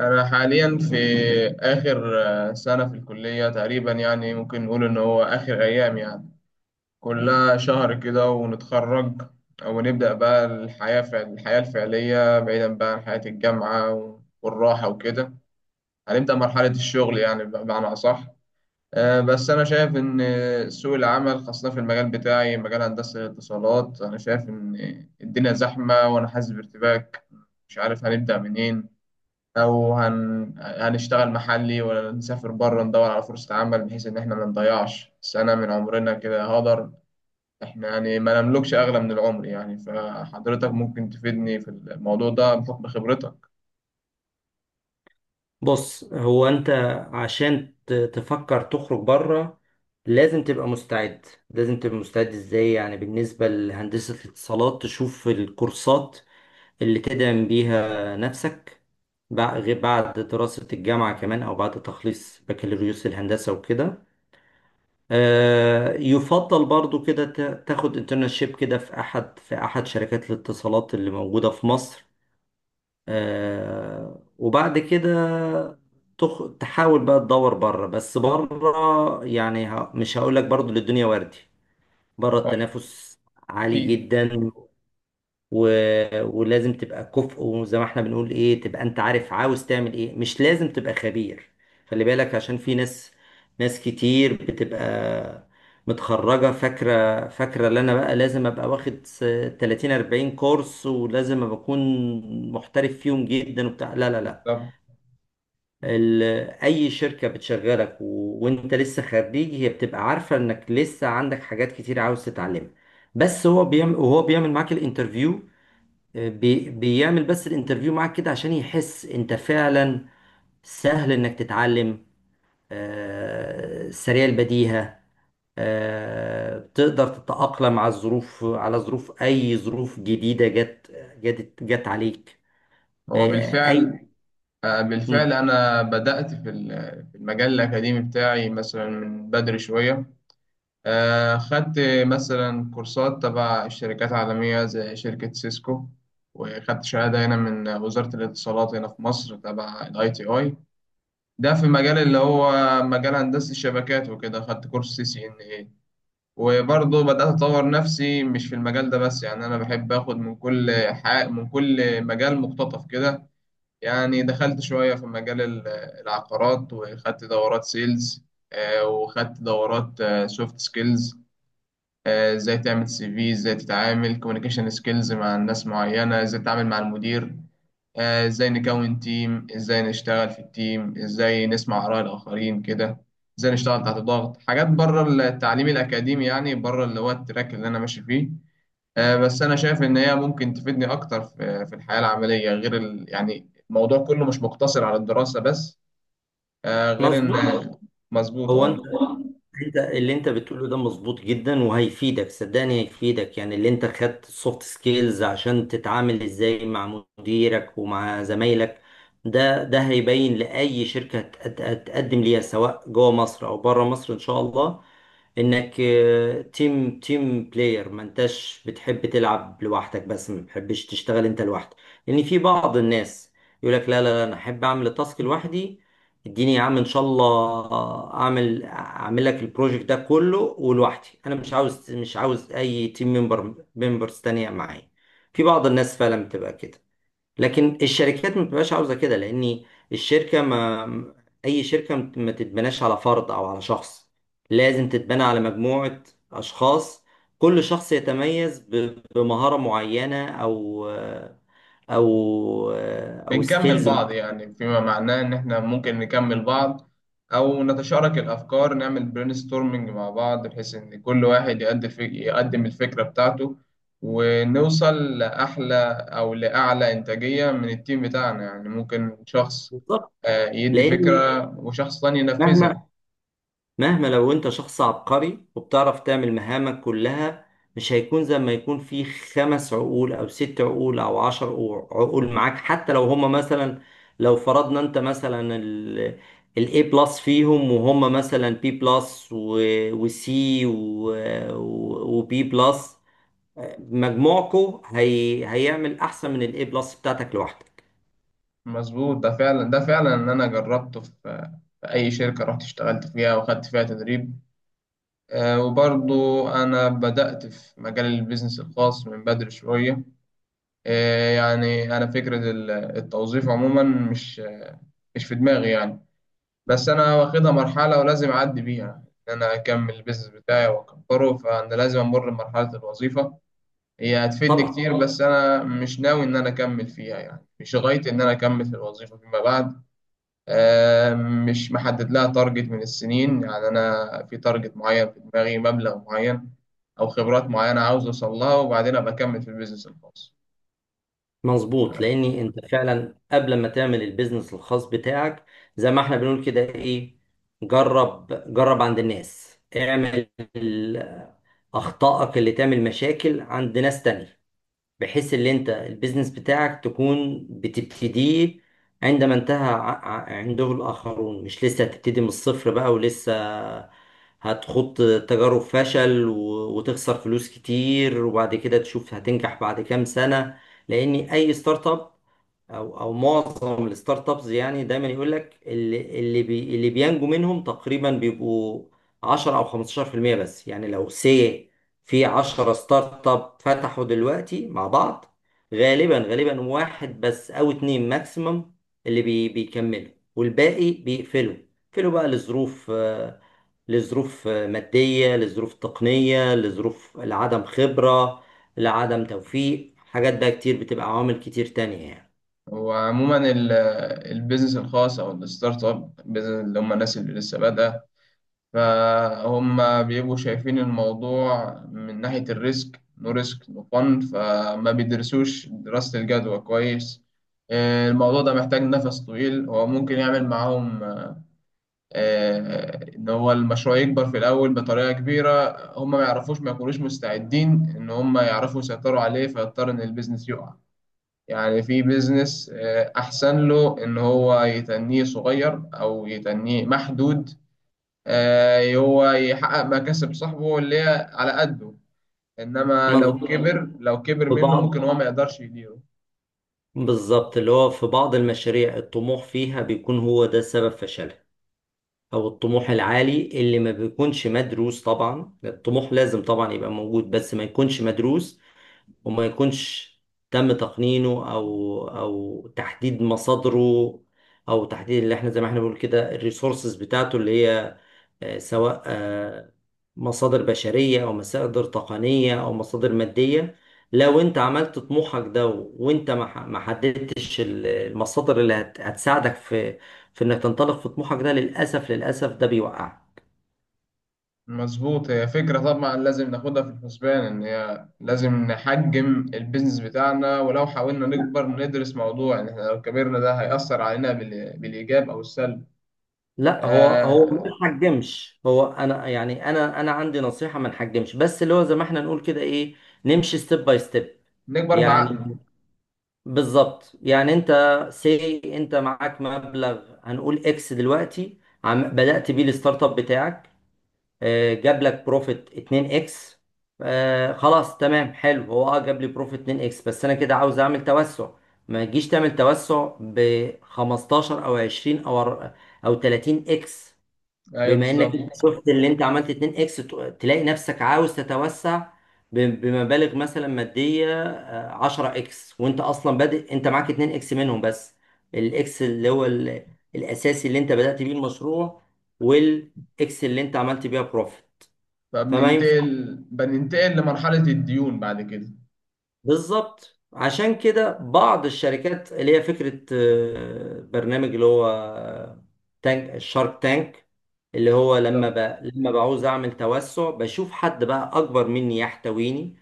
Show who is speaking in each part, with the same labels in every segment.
Speaker 1: أنا حاليا في آخر سنة في الكلية تقريبا، يعني ممكن نقول إن هو آخر أيام. يعني كلها شهر كده ونتخرج، ونبدأ بقى الحياة الحياة الفعلية بعيدا بقى عن حياة الجامعة والراحة وكده. هنبدأ مرحلة الشغل يعني بمعنى أصح. بس أنا شايف إن سوق العمل خاصة في المجال بتاعي، مجال هندسة الاتصالات، أنا شايف إن الدنيا زحمة وأنا حاسس بارتباك. مش عارف هنبدأ منين، او هنشتغل محلي ولا نسافر بره ندور على فرصة عمل، بحيث ان احنا ما نضيعش سنة من عمرنا كده هدر. احنا يعني ما نملكش اغلى من العمر، يعني فحضرتك ممكن تفيدني في الموضوع ده بحكم خبرتك.
Speaker 2: بص، هو انت عشان تفكر تخرج بره لازم تبقى مستعد. لازم تبقى مستعد ازاي؟ يعني بالنسبة لهندسة الاتصالات تشوف الكورسات اللي تدعم بيها نفسك غير بعد دراسة الجامعة كمان، او بعد تخليص بكالوريوس الهندسة وكده. آه، يفضل برضو كده تاخد انترنشيب كده في احد، في احد شركات الاتصالات اللي موجودة في مصر. آه، وبعد كده تحاول بقى تدور بره. بس بره يعني، مش هقول لك برضو للدنيا وردي. بره
Speaker 1: آه،
Speaker 2: التنافس عالي
Speaker 1: اكيد.
Speaker 2: جدا، و... ولازم تبقى كفء، وزي ما احنا بنقول ايه، تبقى انت عارف عاوز تعمل ايه. مش لازم تبقى خبير، خلي بالك، عشان في ناس، ناس كتير بتبقى متخرجة فاكرة، اللي انا بقى لازم ابقى واخد 30 40 كورس، ولازم ابقى اكون محترف فيهم جدا وبتاع. لا لا لا،
Speaker 1: بالظبط.
Speaker 2: ال... اي شركة بتشغلك وانت لسه خريج هي بتبقى عارفة انك لسه عندك حاجات كتير عاوز تتعلمها. بس هو بيعمل، وهو بيعمل معاك الانترفيو، بيعمل بس الانترفيو معاك كده عشان يحس انت فعلا سهل انك تتعلم. آه، سريع البديهة. آه، تقدر تتأقلم على الظروف، على ظروف اي ظروف جديدة جت عليك.
Speaker 1: هو
Speaker 2: آه، اي.
Speaker 1: بالفعل. آه، بالفعل
Speaker 2: مم،
Speaker 1: انا بدأت في في المجال الاكاديمي بتاعي مثلا من بدري شوية. خدت مثلا كورسات تبع شركات عالمية زي شركة سيسكو، وخدت شهادة هنا من وزارة الاتصالات هنا في مصر تبع الاي تي اي، ده في مجال اللي هو مجال هندسة الشبكات وكده. خدت كورس سي سي ان اي، وبرضه بدأت أطور نفسي مش في المجال ده بس، يعني أنا بحب آخد من كل حق من كل مجال مقتطف كده. يعني دخلت شوية في مجال العقارات، وخدت دورات سيلز، وخدت دورات سوفت سكيلز. ازاي تعمل سي في، ازاي تتعامل كوميونيكيشن سكيلز مع الناس معينة، ازاي تتعامل مع المدير، ازاي نكون تيم، ازاي نشتغل في التيم، ازاي نسمع آراء الآخرين كده، ازاي نشتغل تحت ضغط. حاجات بره التعليم الأكاديمي يعني، بره اللي هو التراك اللي أنا ماشي فيه. بس أنا شايف إن هي ممكن تفيدني أكتر في الحياة العملية، غير يعني الموضوع كله مش مقتصر على الدراسة بس. آه، غير إن
Speaker 2: مظبوط.
Speaker 1: مظبوط،
Speaker 2: هو
Speaker 1: اه.
Speaker 2: انت، اللي انت بتقوله ده مظبوط جدا، وهيفيدك، صدقني هيفيدك. يعني اللي انت خدت سوفت سكيلز عشان تتعامل ازاي مع مديرك ومع زمايلك، ده، ده هيبين لأي شركة هتقدم ليها سواء جوه مصر او بره مصر ان شاء الله، انك تيم بلاير، ما انتش بتحب تلعب لوحدك، بس ما بتحبش تشتغل انت لوحدك. لان في بعض الناس يقول لك لا لا لا، انا احب اعمل التاسك لوحدي، اديني يا عم ان شاء الله، اعمل لك البروجكت ده كله ولوحدي، انا مش عاوز، اي تيم ممبرز تانية معايا. في بعض الناس فعلا بتبقى كده، لكن الشركات ما بتبقاش عاوزة كده، لان الشركة ما اي شركة ما تتبناش على فرد او على شخص، لازم تتبنى على مجموعة اشخاص، كل شخص يتميز بمهارة معينة، او او
Speaker 1: بنكمل
Speaker 2: سكيلز
Speaker 1: بعض،
Speaker 2: معينة.
Speaker 1: يعني فيما معناه إن إحنا ممكن نكمل بعض، أو نتشارك الأفكار، نعمل برين ستورمنج مع بعض بحيث إن كل واحد يقدم الفكرة بتاعته، ونوصل لأحلى أو لأعلى إنتاجية من التيم بتاعنا. يعني ممكن شخص
Speaker 2: بالظبط،
Speaker 1: يدي
Speaker 2: لان
Speaker 1: فكرة وشخص تاني
Speaker 2: مهما
Speaker 1: ينفذها.
Speaker 2: مهما لو انت شخص عبقري وبتعرف تعمل مهامك كلها، مش هيكون زي ما يكون في خمس عقول او ست عقول او عشر عقول معاك. حتى لو هما مثلا، لو فرضنا انت مثلا الاي بلس فيهم، وهم مثلا بي بلس وسي وبي بلس، مجموعكو هي هيعمل احسن من الاي بلس بتاعتك لوحدك.
Speaker 1: مظبوط. ده فعلا إن أنا جربته في في أي شركة رحت اشتغلت فيها وخدت فيها تدريب. وبرضو أنا بدأت في مجال البيزنس الخاص من بدري شوية. يعني أنا فكرة التوظيف عموما مش في دماغي، يعني بس أنا واخدها مرحلة ولازم أعدي بيها، إن أنا أكمل البيزنس بتاعي وأكبره. فأنا لازم أمر بمرحلة الوظيفة، هي هتفيدني
Speaker 2: طبعا،
Speaker 1: كتير، بس أنا مش ناوي إن أنا أكمل فيها. يعني مش غايتي إن أنا أكمل في الوظيفة فيما بعد. مش محدد لها تارجت من السنين، يعني أنا في تارجت معين في دماغي، مبلغ معين أو خبرات معينة عاوز أوصل لها، وبعدين أبقى أكمل في البيزنس الخاص.
Speaker 2: مظبوط، لاني انت فعلا قبل ما تعمل البيزنس الخاص بتاعك، زي ما احنا بنقول كده ايه، جرب، جرب عند الناس، اعمل ال- اخطائك اللي تعمل مشاكل عند ناس تانية، بحيث ان انت البيزنس بتاعك تكون بتبتديه عندما انتهى عنده الاخرون، مش لسه هتبتدي من الصفر بقى ولسه هتخوض تجارب فشل وتخسر فلوس كتير، وبعد كده تشوف هتنجح بعد كام سنة. لان اي ستارت اب، او معظم الستارت ابس يعني، دايما يقول لك اللي بينجو منهم تقريبا بيبقوا 10 او 15%. بس يعني لو سي في 10 ستارت اب فتحوا دلوقتي مع بعض، غالبا غالبا واحد بس او اتنين ماكسيمم اللي بي بيكملوا، والباقي بيقفلوا. بيقفلوا بقى لظروف، لظروف مادية، لظروف تقنية، لظروف لعدم خبرة، لعدم توفيق، حاجات بقى كتير، بتبقى عوامل كتير تانية يعني.
Speaker 1: وعموما البيزنس الخاص أو الستارت أب بيزنس، اللي هم الناس اللي لسه بادئة، فهم بيبقوا شايفين الموضوع من ناحية الريسك. نو ريسك نو فن، فما بيدرسوش دراسة الجدوى كويس. الموضوع ده محتاج نفس طويل. هو ممكن يعمل معاهم ان هو المشروع يكبر في الاول بطريقه كبيره، هم ما يعرفوش، ما يكونوش مستعدين ان هم يعرفوا يسيطروا عليه، فيضطر ان البيزنس يقع. يعني في بيزنس احسن له ان هو يتنيه صغير او يتنيه محدود، هو يحقق مكاسب صاحبه اللي هي على قده، انما لو
Speaker 2: مظبوط،
Speaker 1: كبر، لو كبر
Speaker 2: في
Speaker 1: منه، ممكن
Speaker 2: بعض
Speaker 1: هو ما يقدرش يديره.
Speaker 2: بالظبط، اللي هو في بعض المشاريع الطموح فيها بيكون هو ده سبب فشلها، او الطموح العالي اللي ما بيكونش مدروس. طبعا الطموح لازم طبعا يبقى موجود، بس ما يكونش مدروس، وما يكونش تم تقنينه، او تحديد مصادره، او تحديد اللي احنا زي ما احنا بنقول كده الريسورسز بتاعته، اللي هي آه، سواء آه، مصادر بشرية، أو مصادر تقنية، أو مصادر مادية. لو أنت عملت طموحك ده وأنت ما حددتش المصادر اللي هتساعدك في في إنك تنطلق في طموحك ده، للأسف للأسف ده بيوقعك.
Speaker 1: مظبوط. هي فكرة طبعا لازم ناخدها في الحسبان، إن هي لازم نحجم البيزنس بتاعنا، ولو حاولنا نكبر ندرس موضوع إن إحنا لو كبرنا ده هيأثر علينا بالإيجاب أو السلب.
Speaker 2: لا، هو ما
Speaker 1: آه.
Speaker 2: نحجمش. هو انا يعني، انا عندي نصيحه ما نحجمش، بس اللي هو زي ما احنا نقول كده ايه، نمشي ستيب باي ستيب.
Speaker 1: نكبر بعقل.
Speaker 2: يعني بالظبط، يعني انت سي انت معاك مبلغ، هنقول اكس دلوقتي، عم بدأت بيه الستارت اب بتاعك، آه، جاب لك بروفيت 2 اكس. آه، خلاص تمام حلو، هو اه جاب لي بروفيت 2 اكس بس انا كده عاوز اعمل توسع. ما تجيش تعمل توسع ب 15 او 20 او 30 اكس.
Speaker 1: أيوه
Speaker 2: بما
Speaker 1: بالظبط.
Speaker 2: انك انت شفت اللي انت عملت 2 اكس، تلاقي نفسك عاوز تتوسع بمبالغ مثلا مادية 10 اكس، وانت اصلا بادئ انت معاك 2 اكس منهم بس، الاكس اللي هو الاساسي اللي انت بدأت بيه المشروع، والاكس اللي انت عملت بيها بروفيت، فما ينفعش.
Speaker 1: فبننتقل لمرحلة الديون بعد كده.
Speaker 2: بالظبط، عشان كده بعض الشركات اللي هي فكرة آه، برنامج اللي هو آه، تانك الشارك تانك، اللي هو
Speaker 1: بالظبط.
Speaker 2: لما بعوز اعمل توسع بشوف حد بقى اكبر مني يحتويني،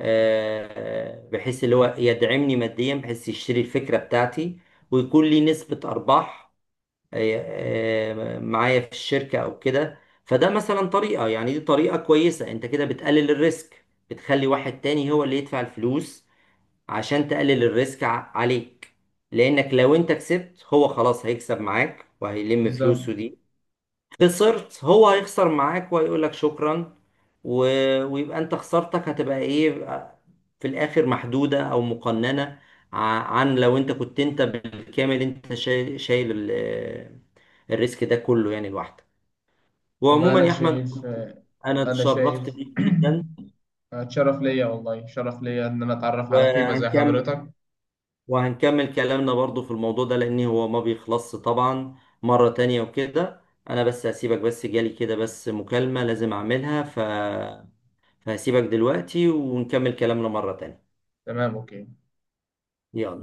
Speaker 2: آه، بحيث اللي هو يدعمني ماديا، بحيث يشتري الفكرة بتاعتي ويكون لي نسبة ارباح، آه، آه، معايا في الشركة او كده. فده مثلا طريقة، يعني دي طريقة كويسة، انت كده بتقلل الريسك، بتخلي واحد تاني هو اللي يدفع الفلوس عشان تقلل الريسك عليك. لانك لو انت كسبت، هو خلاص هيكسب معاك وهيلم
Speaker 1: بالظبط.
Speaker 2: فلوسه دي، خسرت هو هيخسر معاك وهيقولك شكرا، و... ويبقى انت خسارتك هتبقى ايه، آه، في الاخر محدودة او مقننة، ع- عن لو انت كنت انت بالكامل انت شايل الريسك ده كله يعني لوحدك.
Speaker 1: والله
Speaker 2: وعموما
Speaker 1: أنا
Speaker 2: يا احمد،
Speaker 1: شايف،
Speaker 2: انا
Speaker 1: أنا شايف
Speaker 2: اتشرفت بيك جدا،
Speaker 1: شرف ليا، والله شرف ليا إن أنا أتعرف على قيمة زي
Speaker 2: وهنكمل
Speaker 1: حضرتك.
Speaker 2: وهنكمل كلامنا برضو في الموضوع ده لأن هو ما بيخلصش طبعا، مرة تانية وكده. أنا بس هسيبك، بس جالي كده بس مكالمة لازم أعملها، فهسيبك دلوقتي ونكمل كلامنا مرة تانية.
Speaker 1: تمام، أوكي.
Speaker 2: يلا.